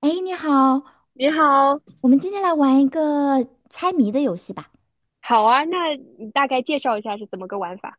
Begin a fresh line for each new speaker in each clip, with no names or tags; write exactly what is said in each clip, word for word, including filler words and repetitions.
哎，你好，
你好。
我们今天来玩一个猜谜的游戏吧。
好啊，那你大概介绍一下是怎么个玩法？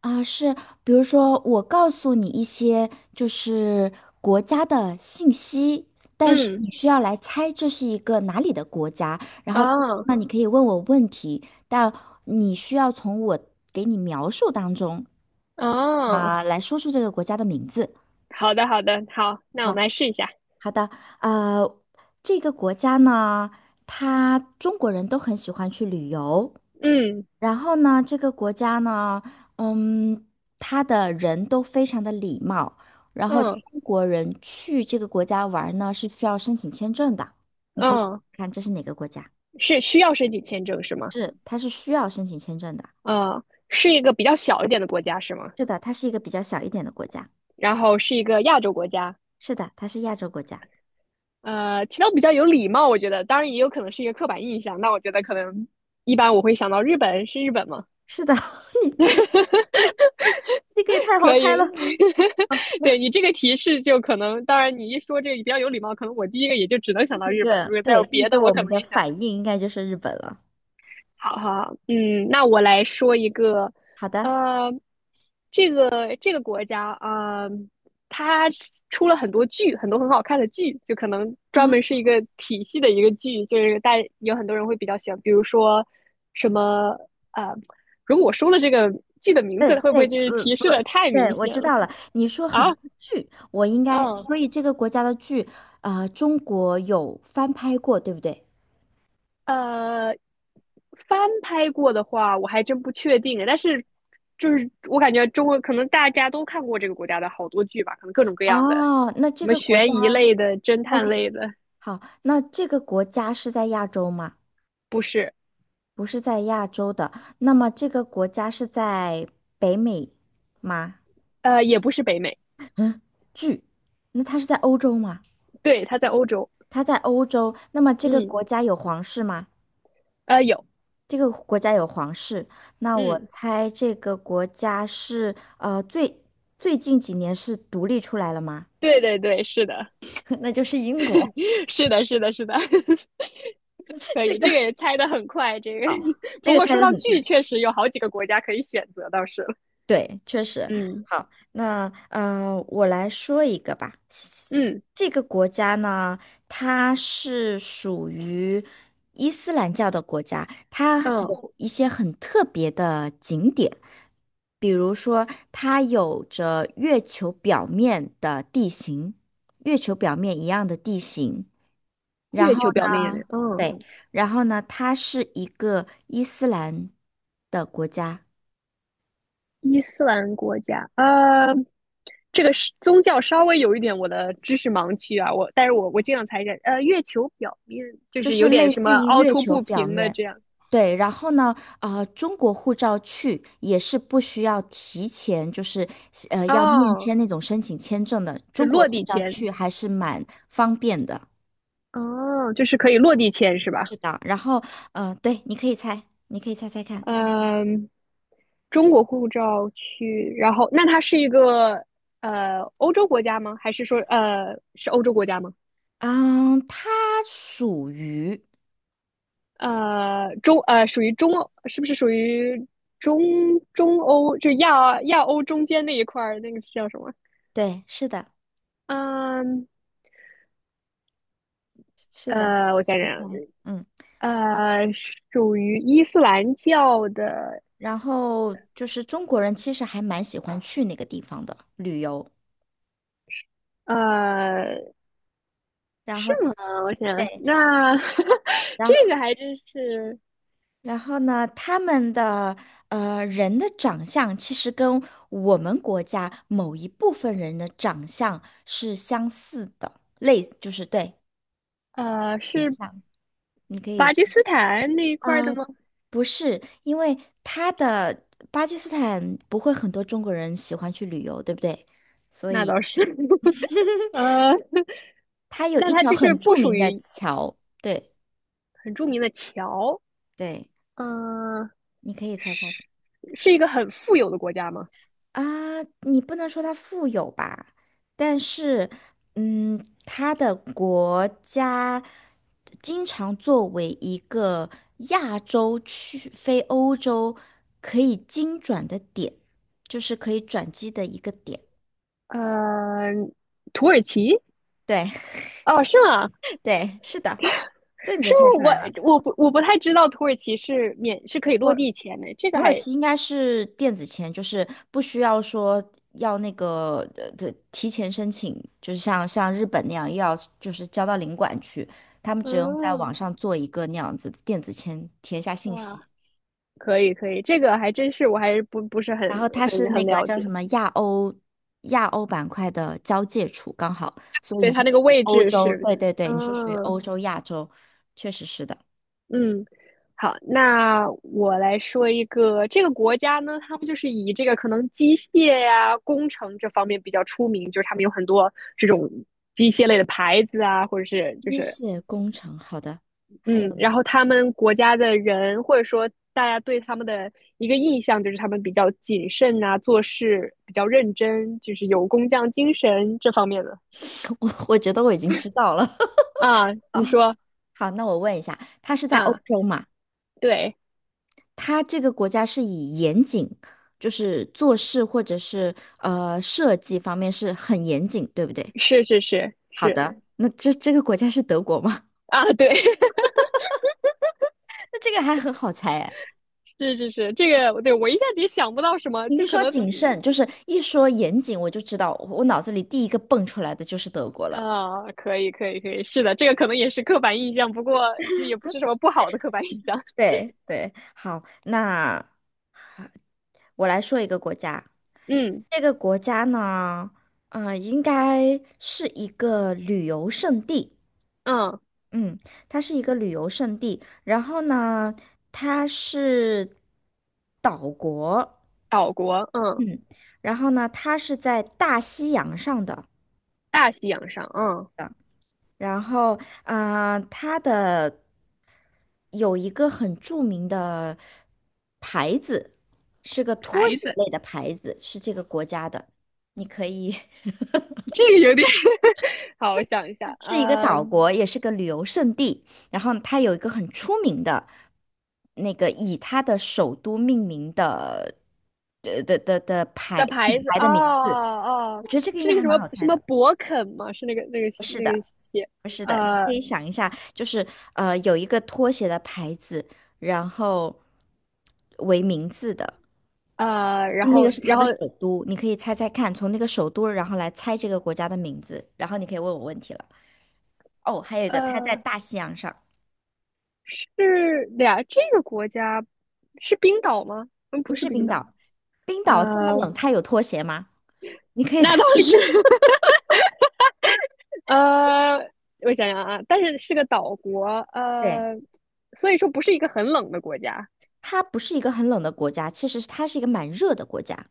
啊，是，比如说我告诉你一些就是国家的信息，但是
嗯。
你需要来猜这是一个哪里的国家。然后
哦。
那你可以问我问题，但你需要从我给你描述当中
哦，
啊，来说出这个国家的名字。
好的，好的，好，那我
好，
们来试一下。
好的，呃，这个国家呢，它中国人都很喜欢去旅游。
嗯。
然后呢，这个国家呢，嗯，他的人都非常的礼貌，然后中
嗯。
国人去这个国家玩呢是需要申请签证的，你可以
嗯，
看这是哪个国家？
是需要申请签证是吗？
是，它是需要申请签证的。
呃，是一个比较小一点的国家是吗？
是的，它是一个比较小一点的国家。
然后是一个亚洲国家。
是的，它是亚洲国家。
呃，提到比较有礼貌，我觉得，当然也有可能是一个刻板印象。那我觉得可能一般我会想到日本，是日本吗？
是的，你这个也太好
可以，
猜了。
对你这个提示就可能，当然你一说这个比较有礼貌，可能我第一个也就只能
第
想到
一
日本。
个，
如果再
对，
有
第一
别
个
的，我
我
可
们
能
的
也想。
反应应该就是日本了。
好好好。嗯，那我来说一个。
好的。
呃，这个这个国家啊，呃它出了很多剧，很多很好看的剧，就可能专
啊。
门是一个体系的一个剧，就是大有很多人会比较喜欢，比如说什么啊、呃，如果我说了这个剧的名
对
字，会不
对，
会就
就
是
呃
提
不，
示的太
对，
明
我
显
知
了。
道了。你说很
啊？
多剧，我应该，
嗯。
所以这个国家的剧，呃，中国有翻拍过，对不对？
呃，翻拍过的话，我还真不确定。但是，就是我感觉中国可能大家都看过这个国家的好多剧吧，可能各种各样的，
哦，那
什
这
么
个国家
悬疑类的、侦探
，OK，
类的。
好，那这个国家是在亚洲吗？
不是。
不是在亚洲的，那么这个国家是在北美吗？
呃，也不是北美。
嗯，剧，那它是在欧洲吗？
对，它在欧洲。
它在欧洲，那么这个
嗯。
国家有皇室吗？
呃，有。
这个国家有皇室，那我
嗯，
猜这个国家是呃最最近几年是独立出来了吗？
对对对，是的。
那就是英 国。
是的，是的，是的。可
这
以，
个
这个也猜的很快。这个，
这
不
个
过
猜
说
的
到
很。
剧，确实有好几个国家可以选择，倒是了。
对，确实。
嗯。
好，那呃，我来说一个吧。
嗯。
这个国家呢，它是属于伊斯兰教的国家，它
嗯，
有一些很特别的景点，比如说，它有着月球表面的地形，月球表面一样的地形。然
月
后
球表面也
呢，
那，嗯。
对，然后呢，它是一个伊斯兰的国家。
伊斯兰国家。呃，这个是宗教稍微有一点我的知识盲区啊，我但是我我尽量猜着。呃，月球表面就
就
是有
是
点
类
什么
似于
凹
月
凸
球
不
表
平的
面。
这样。
对，然后呢，呃，中国护照去也是不需要提前，就是呃要面
哦，
签那种申请签证的。
是
中国
落
护
地
照
签。
去还是蛮方便的。
哦，就是可以落地签是吧？
是的，然后呃，对，你可以猜，你可以猜猜看。
嗯，中国护照去，然后那它是一个呃欧洲国家吗？还是说呃是欧洲国家吗？
嗯，它属于，
呃，中呃，属于中欧，是不是属于中中欧，就亚亚欧中间那一块儿，那个叫什么？
对，是的，
嗯。
是的，
呃，我想
猜猜，
想。
嗯，
呃，属于伊斯兰教的。
然后就是中国人其实还蛮喜欢去那个地方的旅游，
呃，
然
是
后，
吗？我想想，那
然
这个
后。
还真是。
然后呢，他们的呃人的长相其实跟我们国家某一部分人的长相是相似的，类就是对，
呃，
很
是
像。你可
巴
以
基斯坦那一块儿的
啊、
吗？
不是，因为他的巴基斯坦不会很多中国人喜欢去旅游，对不对？所
那
以
倒是。呃，
它有
那
一
它
条
就是
很
不
著
属
名的
于
桥，对
很著名的桥。
对，
嗯、
你可以猜猜。
是一个很富有的国家吗？
啊，你不能说它富有吧，但是，嗯，它的国家经常作为一个亚洲去非欧洲可以经转的点，就是可以转机的一个点。
嗯，土耳其？
对
哦，是吗？
对，是的，这你就
是吗？
猜出来了。
我我不我不太知道土耳其是免是可以落地签的，这
土
个
耳
还
其应该是电子签，就是不需要说要那个的的提前申请，就是像像日本那样要就是交到领馆去，他们只用在网
嗯。
上做一个那样子的电子签，填一下信息。
哇，可以可以，这个还真是我还是不不是很
然后它是
很
那
很
个
了
叫
解。
什么亚欧亚欧板块的交界处，刚好，所以
所
你
以
是
它那
属
个
于
位
欧
置
洲，
是
对对对，你是属于
嗯。
欧洲亚洲，确实是的。
嗯，好，那我来说一个，这个国家呢，他们就是以这个可能机械呀、工程这方面比较出名，就是他们有很多这种机械类的牌子啊，或者是就
机
是
械工程，好的，还有
嗯，
呢，
然后他们国家的人或者说大家对他们的一个印象就是他们比较谨慎啊，做事比较认真，就是有工匠精神这方面的。
我我觉得我已经知道了。
啊？你说
好，那我问一下，它是在欧
啊？
洲嘛？
对，
它这个国家是以严谨，就是做事或者是呃设计方面是很严谨，对不对？
是是是
好
是。
的，那这这个国家是德国吗？
啊，对，
那这个还很好猜哎。
是是是，这个对我一下子也想不到什么，
你
就
一
可
说
能
谨慎，就是一说严谨，我就知道我我脑子里第一个蹦出来的就是德国了。
啊、可以可以可以，是的，这个可能也是刻板印象，不过这也不是什么不好的刻板印象。
对对，好，那我来说一个国家，
嗯。
这个国家呢，嗯，应该是一个旅游胜地。
嗯，
嗯，它是一个旅游胜地，然后呢，它是岛国，
岛国，嗯。
嗯，然后呢，它是在大西洋上的，
大西洋上，嗯。
然后啊、呃它的有一个很著名的牌子，是个拖
牌
鞋
子。
类的牌子，是这个国家的，你可以
这个有点 好，我想一下，
是一个岛
嗯。
国，也是个旅游胜地。然后它有一个很出名的，那个以它的首都命名的
的
品
牌子，
牌
哦
的名字，我
哦，
觉得这个应
是
该
那个
还
什
蛮
么
好
什
猜
么
的。
博肯吗？是那个那个
是
那
的，
个鞋。
不是的，你可
呃
以想一下，就是呃，有一个拖鞋的牌子，然后为名字的，
呃，然
那个
后
是它
然后
的首都，你可以猜猜看，从那个首都然后来猜这个国家的名字，然后你可以问我问题了。哦，还有一个，它在
呃
大西洋上，
是俩这个国家是冰岛吗？嗯，
不
不是
是
冰
冰
岛。
岛。冰岛这么
呃，
冷，它有拖鞋吗？你可以
那
猜，
倒是。呃，我想想啊，但是是个岛国。
对，
呃，所以说不是一个很冷的国家。
它不是一个很冷的国家，其实它是一个蛮热的国家。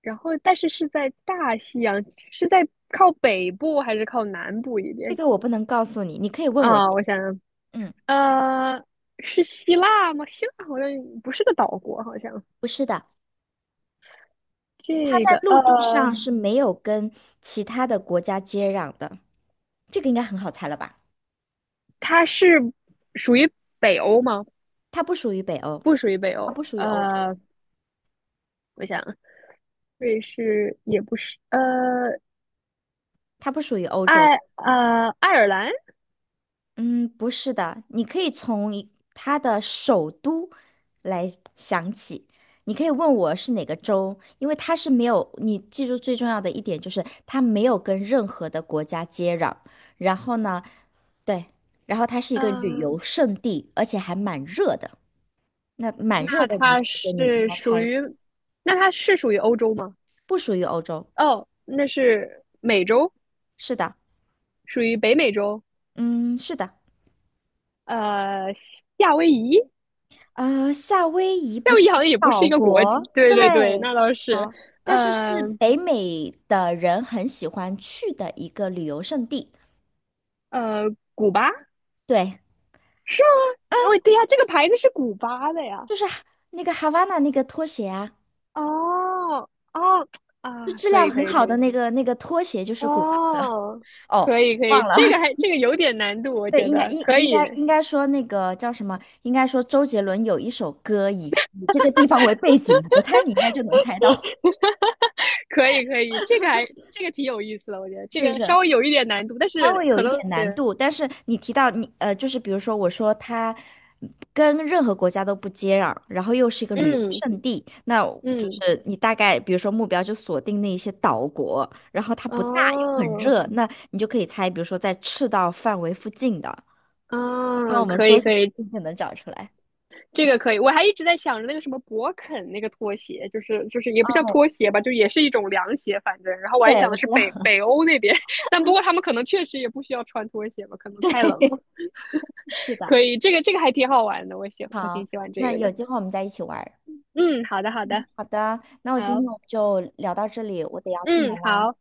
然后，但是是在大西洋，是在靠北部还是靠南部一
这
点。
个我不能告诉你，你可以问我。
啊？我想想。
嗯，
呃，是希腊吗？希腊好像不是个岛国，好像
不是的，它
这
在
个
陆地
呃，
上是没有跟其他的国家接壤的。这个应该很好猜了吧？
它是属于北欧吗？
它不属于北欧，
不属于北
它不
欧。
属于欧洲，
呃，我想瑞士也不是。呃，
它不属于欧洲，
爱呃爱尔兰。
嗯，不是的，你可以从一它的首都来想起。你可以问我是哪个州，因为它是没有，你记住最重要的一点就是它没有跟任何的国家接壤。然后呢，对，然后它是一个旅游
嗯、
胜地，而且还蛮热的。那蛮热
那
的你，首
它
先你应
是
该
属
猜
于，那它是属于欧洲吗？
不属于欧洲。
哦，那是美洲，
是的，
属于北美洲。
嗯，是的。
呃，夏威夷。
呃，夏威夷不
夏威
是
夷好
一
像
个
也不是
岛
一个国家，
国，
对对对，
对，
那倒是。
好，但是是
呃
北美的人很喜欢去的一个旅游胜地。
呃，古巴
对，
是吗？哦，对呀，这个牌子是古巴的呀。
就是哈那个哈瓦那那个拖鞋啊，
哦哦。
就
啊，
质
可
量
以可
很
以可
好的
以。
那个那个拖鞋，就是古巴。
哦，可
哦，
以可以，
忘了，
这个还 这个有点难度，我
对，
觉
应该
得
应
可
应该
以
应该说那个叫什么？应该说周杰伦有一首歌以以这个地方为背景，我猜你应该就能猜到，
可以可以，这个还这个挺有意思的，我觉得 这
是不
个
是？
稍微有一点难度，但
稍
是
微有
可
一
能
点
对。
难度，但是你提到你呃，就是比如说我说它跟任何国家都不接壤，然后又是一个旅游
嗯。
胜地，那我就
嗯。
是你大概比如说目标就锁定那一些岛国，然后它不大又很
哦。
热，那你就可以猜，比如说在赤道范围附近的，然后
嗯，
我们
可
缩
以
小
可以，
就能找出来。
这个可以，我还一直在想着那个什么博肯那个拖鞋，就是就是也不像
哦，
拖鞋吧，就也是一种凉鞋，反正，然后我还
对，
想
我
的是
知道，
北 北欧那边。但不过他们可能确实也不需要穿拖鞋吧，可能太冷了。
是的。
可以，这个这个还挺好玩的，我喜我
好，
挺喜欢这
那
个
有
的。
机会我们再一起玩儿
嗯，好的，好的，
好的，那我今
好。
天我们就聊到这里，我得要出门
嗯，
啦。
好。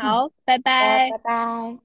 嗯，
拜
好的，
拜。
拜拜。